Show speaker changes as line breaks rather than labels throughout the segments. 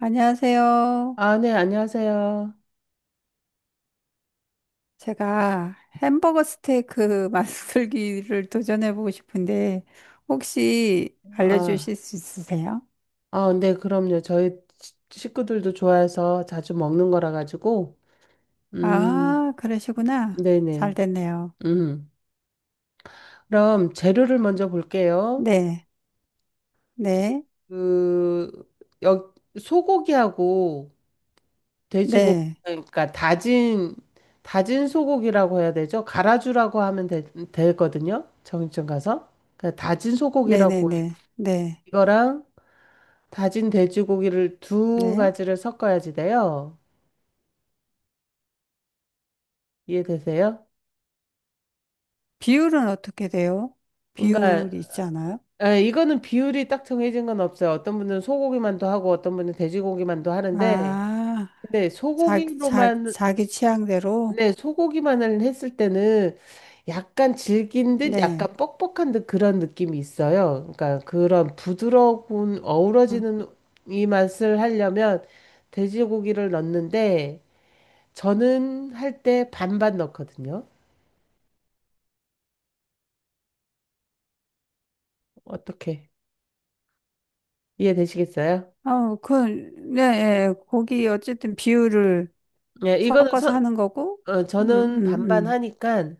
안녕하세요.
아, 네, 안녕하세요.
제가 햄버거 스테이크 만들기를 도전해보고 싶은데, 혹시
아,
알려주실 수 있으세요?
네, 그럼요. 저희 식구들도 좋아해서 자주 먹는 거라 가지고, 음,
아, 그러시구나. 잘
네네.
됐네요.
음. 그럼 재료를 먼저 볼게요.
네, 네,
그, 소고기하고 돼지고기,
네,
그러니까 다진 소고기라고 해야 되죠? 갈아주라고 하면 되거든요. 정육점 가서. 그러니까 다진
네네네,
소고기라고,
네, 네.
이거랑 다진 돼지고기를 두
네, 네.
가지를 섞어야지 돼요. 이해되세요?
비율은 어떻게 돼요?
그러니까
비율 있잖아요.
아, 이거는 비율이 딱 정해진 건 없어요. 어떤 분은 소고기만도 하고 어떤 분은 돼지고기만도 하는데
아,
근데
자, 자,
소고기로만.
자기 취향대로?
네, 소고기만을 했을 때는 약간 질긴 듯
네.
약간 뻑뻑한 듯 그런 느낌이 있어요. 그러니까 그런 부드러운
어,
어우러지는 이 맛을 하려면 돼지고기를 넣는데 저는 할 때 반반 넣거든요. 어떻게 이해되시겠어요?
어, 그, 네, 예. 고기 어쨌든 비율을
네, 이거는
섞어서
선.
하는 거고, 음,
저는
음,
반반
음.
하니까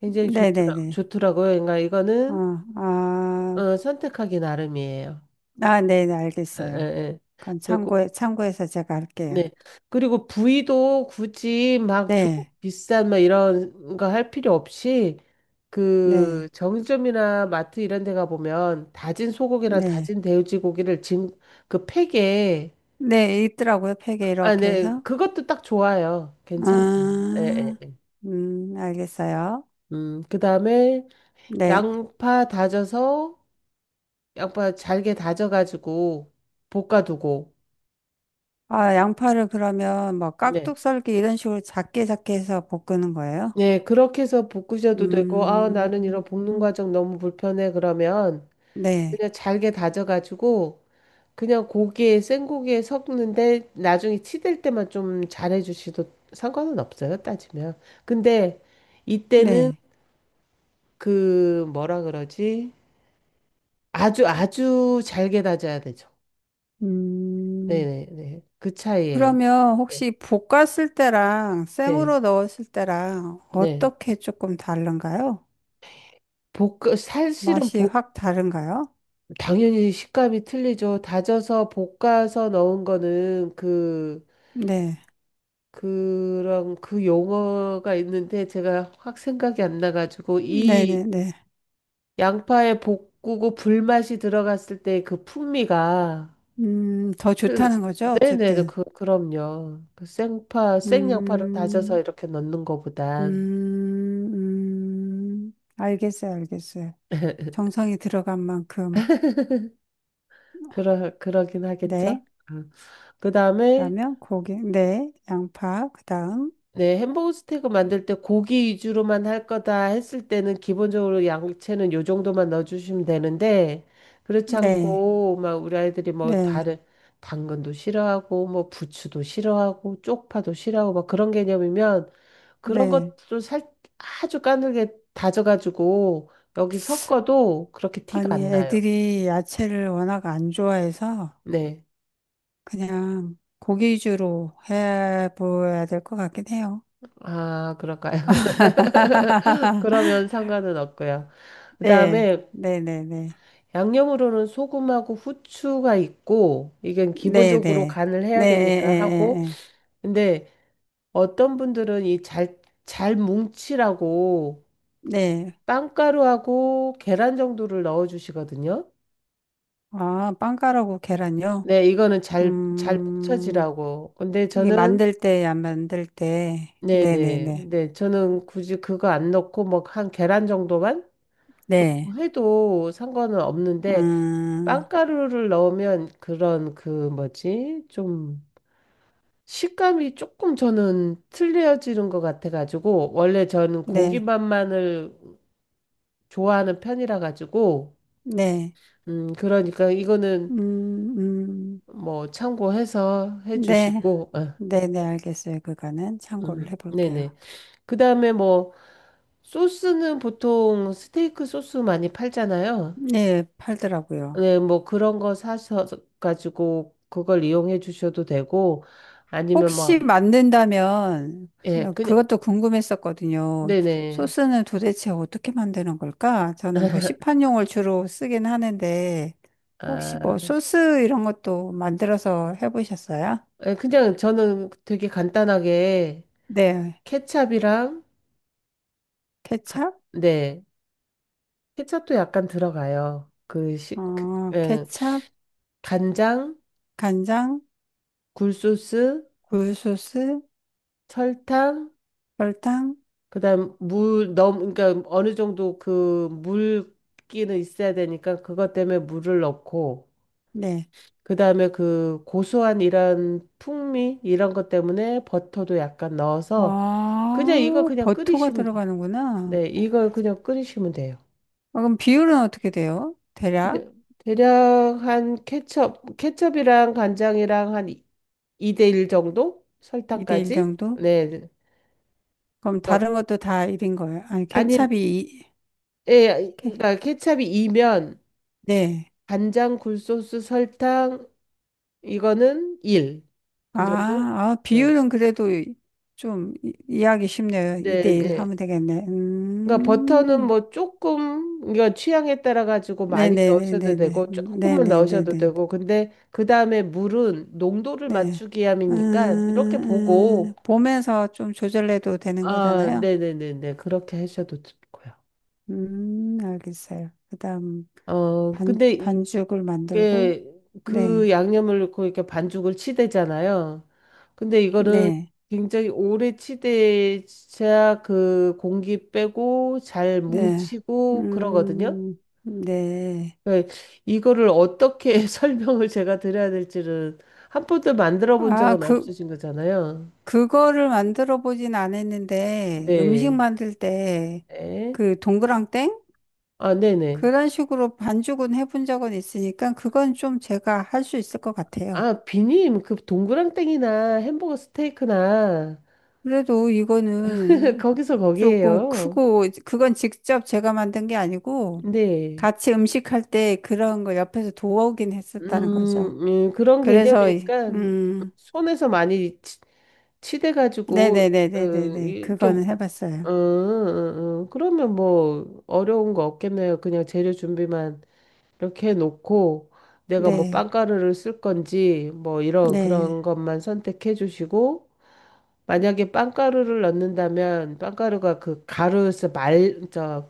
굉장히
네네네.
좋더라고요. 그러니까 이거는
어, 아,
선택하기 나름이에요.
아, 네네,
에,
알겠어요.
에, 에.
그건
그리고.
참고해서 제가 할게요.
네. 그리고 부위도 굳이 막
네,
비싼 막 이런 거 할 필요 없이
네,
그 정육점이나 마트 이런 데가 보면 다진 소고기랑
네.
다진 돼지 고기를 진 그 팩에.
네, 있더라고요. 팩에
아,
이렇게
네.
해서.
그것도 딱 좋아요. 괜찮아요. 에, 에,
아,
에.
알겠어요.
그다음에
네.
양파 다져서 양파 잘게 다져가지고 볶아두고.
아, 양파를 그러면 뭐
네.
깍둑 썰기 이런 식으로 작게 작게 해서 볶는 거예요?
네, 그렇게 해서 볶으셔도 되고, 아,
음,
나는 이런 볶는 과정 너무 불편해. 그러면
네,
그냥 잘게 다져가지고, 그냥 생고기에 섞는데, 나중에 치댈 때만 좀 잘해주셔도 상관은 없어요, 따지면. 근데 이때는
네.
뭐라 그러지? 아주, 아주 잘게 다져야 되죠.
음.
네네네. 그 차이예요.
그러면
네.
혹시 볶았을 때랑
네.
생으로 넣었을 때랑
네.
어떻게 조금 다른가요?
볶, 사실은
맛이
볶,
확 다른가요?
당연히 식감이 틀리죠. 다져서 볶아서 넣은 거는
네.
그런 그 용어가 있는데 제가 확 생각이 안 나가지고 이
네네네.
양파에 볶고 불맛이 들어갔을 때 그 풍미가.
더
그-
좋다는 거죠?
네네, 그,
어쨌든.
그, 그럼요. 그 생양파를 다져서
음,
이렇게 넣는 거보단.
음, 알겠어요, 알겠어요. 정성이 들어간 만큼.
그러긴 하겠죠.
네.
음. 그 다음에
그러면 고기, 네. 양파, 그 다음.
네, 햄버거 스테이크 만들 때 고기 위주로만 할 거다 했을 때는 기본적으로 양채는 요 정도만 넣어주시면 되는데, 그렇지
네.
않고, 막 우리 아이들이 뭐
네.
다른, 당근도 싫어하고, 뭐 부추도 싫어하고, 쪽파도 싫어하고, 막 그런 개념이면 그런
네.
것도 아주 까늘게 다져가지고 여기 섞어도 그렇게 티가
아니,
안 나요.
애들이 야채를 워낙 안 좋아해서
네.
그냥 고기 위주로 해보야 될 것 같긴 해요.
아, 그럴까요? 그러면 상관은 없고요.
네,
그다음에
네, 네, 네,
양념으로는 소금하고 후추가 있고, 이건
네,
기본적으로
네,
간을
네,
해야
에,
되니까
에,
하고,
에, 에.
근데 어떤 분들은 이 잘 뭉치라고
네.
빵가루하고 계란 정도를 넣어 주시거든요.
아, 빵가루고 계란요?
네, 이거는 잘
음,
뭉쳐지라고. 근데
이게
저는.
만들 때, 안 만들 때, 네, 네,
네네.
네,
근데 저는 굳이 그거 안 넣고 뭐 한 계란 정도만 넣고
네,
해도 상관은 없는데,
음,
빵가루를 넣으면 그런 그 뭐지? 좀 식감이 조금 저는 틀려지는 것 같아가지고, 원래 저는 고기
네,
맛만을 좋아하는 편이라 가지고,
네,
그러니까 이거는
음, 음,
뭐 참고해서
네,
해주시고, 아,
네, 네, 알겠어요. 그거는 참고를 해볼게요.
네네. 그 다음에 뭐, 소스는 보통 스테이크 소스 많이 팔잖아요.
네, 팔더라고요.
네, 뭐 그런 거 사서 가지고 그걸 이용해 주셔도 되고, 아니면
혹시
뭐,
만든다면
예, 그냥,
그것도 궁금했었거든요.
네네.
소스는 도대체 어떻게 만드는 걸까? 저는 뭐 시판용을 주로 쓰긴 하는데 혹시 뭐
아.
소스 이런 것도 만들어서 해보셨어요?
예, 그냥 저는 되게 간단하게
네,
케찹이랑 가-
케찹,
네, 케찹도 약간 들어가요. 그, 시, 그
어,
예,
케찹,
간장,
간장,
굴소스,
굴소스,
설탕,
설탕,
그다음 물 너무 그러니까 어느 정도 그 물기는 있어야 되니까 그것 때문에 물을 넣고
네.
그다음에 그 고소한 이런 풍미 이런 것 때문에 버터도 약간 넣어서 그냥 이거
아,
그냥
버터가
끓이시면 돼.
들어가는구나.
네, 이걸 그냥 끓이시면 돼요.
아, 그럼 비율은 어떻게 돼요? 대략
이제 대략 한 케첩이랑 간장이랑 한 2대 1 정도?
2대1
설탕까지?
정도?
네. 네.
그럼
그러니까
다른 것도 다 1인 거예요? 아니,
아니, 예,
케-
그러니까 케첩이 2면
네.
간장, 굴소스, 설탕 이거는 1.
아,
그 정도?
아,
네,
비율은 그래도 좀 이해하기 쉽네요.
네.
2대1
네.
하면 되겠네.
그러니까 버터는 뭐 조금 이거 취향에 따라 가지고 많이 넣으셔도
네네네네네.
되고 조금만 넣으셔도
네네네네.
되고 근데 그 다음에 물은 농도를
네.
맞추기 위함이니까 이렇게 보고.
보면서 좀 조절해도 되는
아,
거잖아요.
네네네네. 그렇게 하셔도 좋고요.
알겠어요. 그 다음, 반,
근데
반죽을 만들고,
이게
네,
그 양념을 넣고 이렇게 반죽을 치대잖아요. 근데 이거는
네,
굉장히 오래 치대야 그 공기 빼고 잘
네.
뭉치고 그러거든요.
음, 네.
네, 이거를 어떻게 설명을 제가 드려야 될지는. 한 번도 만들어 본
아,
적은
그,
없으신 거잖아요.
그거를 만들어 보진 않았는데, 음식
네.
만들 때,
네.
그 동그랑땡?
아, 네네.
그런 식으로 반죽은 해본 적은 있으니까, 그건 좀 제가 할 수 있을 것 같아요.
아, 비님, 그 동그랑땡이나 햄버거 스테이크나
그래도 이거는
거기서
조금
거기에요.
크고, 그건 직접 제가 만든 게 아니고,
네.
같이 음식할 때 그런 거 옆에서 도와오긴 했었다는 거죠.
음, 그런
그래서,
개념이니까 손에서 많이 치대가지고. 어,
네네네네네네.
이렇게
그거는 해봤어요.
그러면 뭐 어려운 거 없겠네요. 그냥 재료 준비만 이렇게 해놓고 내가 뭐
네.
빵가루를 쓸 건지 뭐 이런
네.
그런 것만 선택해 주시고 만약에 빵가루를 넣는다면 빵가루가 그 가루에서 저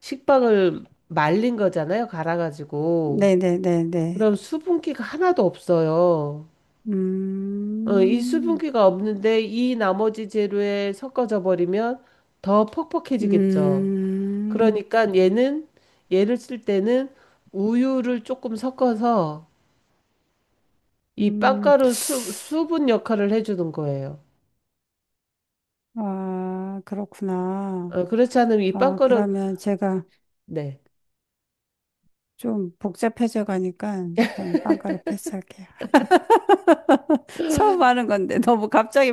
식빵을 말린 거잖아요. 갈아가지고.
네네네네.
그럼 수분기가 하나도 없어요. 이
음,
수분기가 없는데 이 나머지 재료에 섞어져 버리면 더 퍽퍽해지겠죠.
음,
그러니까 얘는 얘를 쓸 때는 우유를 조금 섞어서 이
음.
빵가루 수분 역할을 해주는 거예요.
아, 그렇구나.
그렇지 않으면 이
아,
빵가루.
그러면 제가
네.
좀 복잡해져 가니까 전 빵가루 패스할게요. 처음 하는 건데 너무 갑자기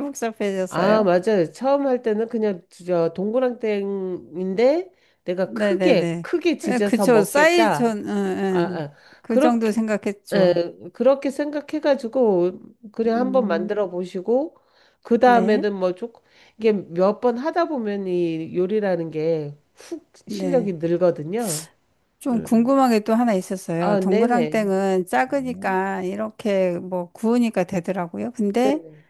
아,
복잡해졌어요.
맞아요. 처음 할 때는 그냥 저 동그랑땡인데 내가 크게
네네네.
크게
에,
지져서
그쵸. 사이즈,
먹겠다.
전, 응,
아,
응.
아,
그 정도
그렇게.
생각했죠.
그렇게 생각해가지고 그냥 한번
음,
만들어 보시고 그
네,
다음에는 뭐 조금 이게 몇 번 하다 보면 이 요리라는 게 훅
네.
실력이 늘거든요.
좀
음, 음.
궁금한 게 또 하나 있었어요.
아, 네네.
동그랑땡은
네.
작으니까 이렇게 뭐 구우니까 되더라고요. 근데
네네.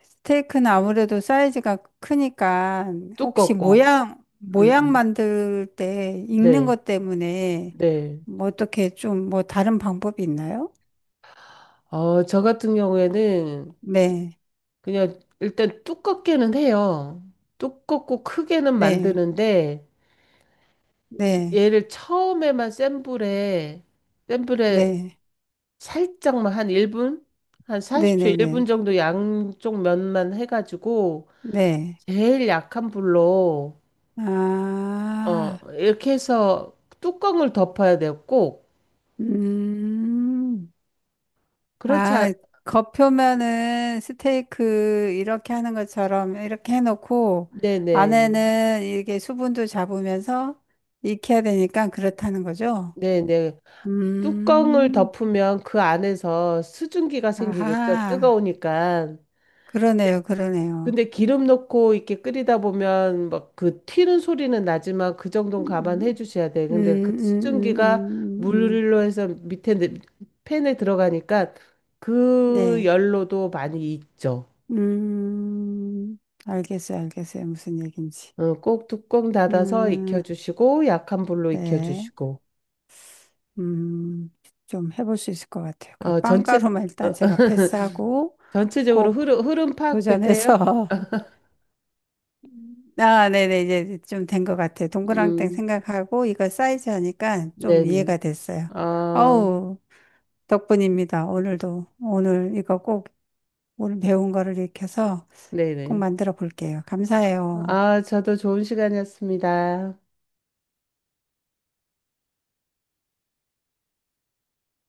스테이크는 아무래도 사이즈가 크니까 혹시
두껍고.
모양,
음,
모양
음.
만들 때 익는
네.
것 때문에
네.
뭐 어떻게 좀 뭐 다른 방법이 있나요?
저 같은 경우에는
네,
그냥 일단 두껍게는 해요. 두껍고 크게는
네,
만드는데
네,
얘를 처음에만 센 불에
네,
살짝만 한 1분? 한
네,
40초
네,
1분
네,
정도 양쪽 면만 해가지고
네.
제일 약한 불로
아,
이렇게 해서 뚜껑을 덮어야 돼요, 꼭.
음.
그렇지 않.
아, 겉표면은 스테이크 이렇게 하는 것처럼 이렇게 해놓고
네네.
안에는 이게 수분도 잡으면서 익혀야 되니까 그렇다는 거죠?
네네. 뚜껑을
음,
덮으면 그 안에서 수증기가 생기겠죠,
아하,
뜨거우니까.
그러네요, 그러네요.
근데 기름 넣고 이렇게 끓이다 보면 막 그 튀는 소리는 나지만 그 정도는 감안해
음,
주셔야 돼. 근데 그 수증기가
음.
물로 해서 밑에 팬에 들어가니까 그
네.
열로도 많이 익죠.
음, 알겠어요, 알겠어요. 무슨 얘기인지.
어, 꼭 뚜껑 닫아서
음,
익혀주시고 약한 불로
네.
익혀주시고.
음, 좀 해볼 수 있을 것 같아요. 그
어, 전체.
빵가루만
어,
일단
어,
제가 패스하고
전체적으로
꼭
흐름 파악되세요?
도전해서. 아, 네네, 이제 좀 된 것 같아요. 동그랑땡
음,
생각하고 이거 사이즈 하니까 좀
네,
이해가 됐어요.
어,
어우, 덕분입니다. 오늘도. 오늘 이거 꼭 오늘 배운 거를 익혀서
네,
꼭
네.
만들어 볼게요.
아, 네네.
감사해요.
아, 저도 좋은 시간이었습니다.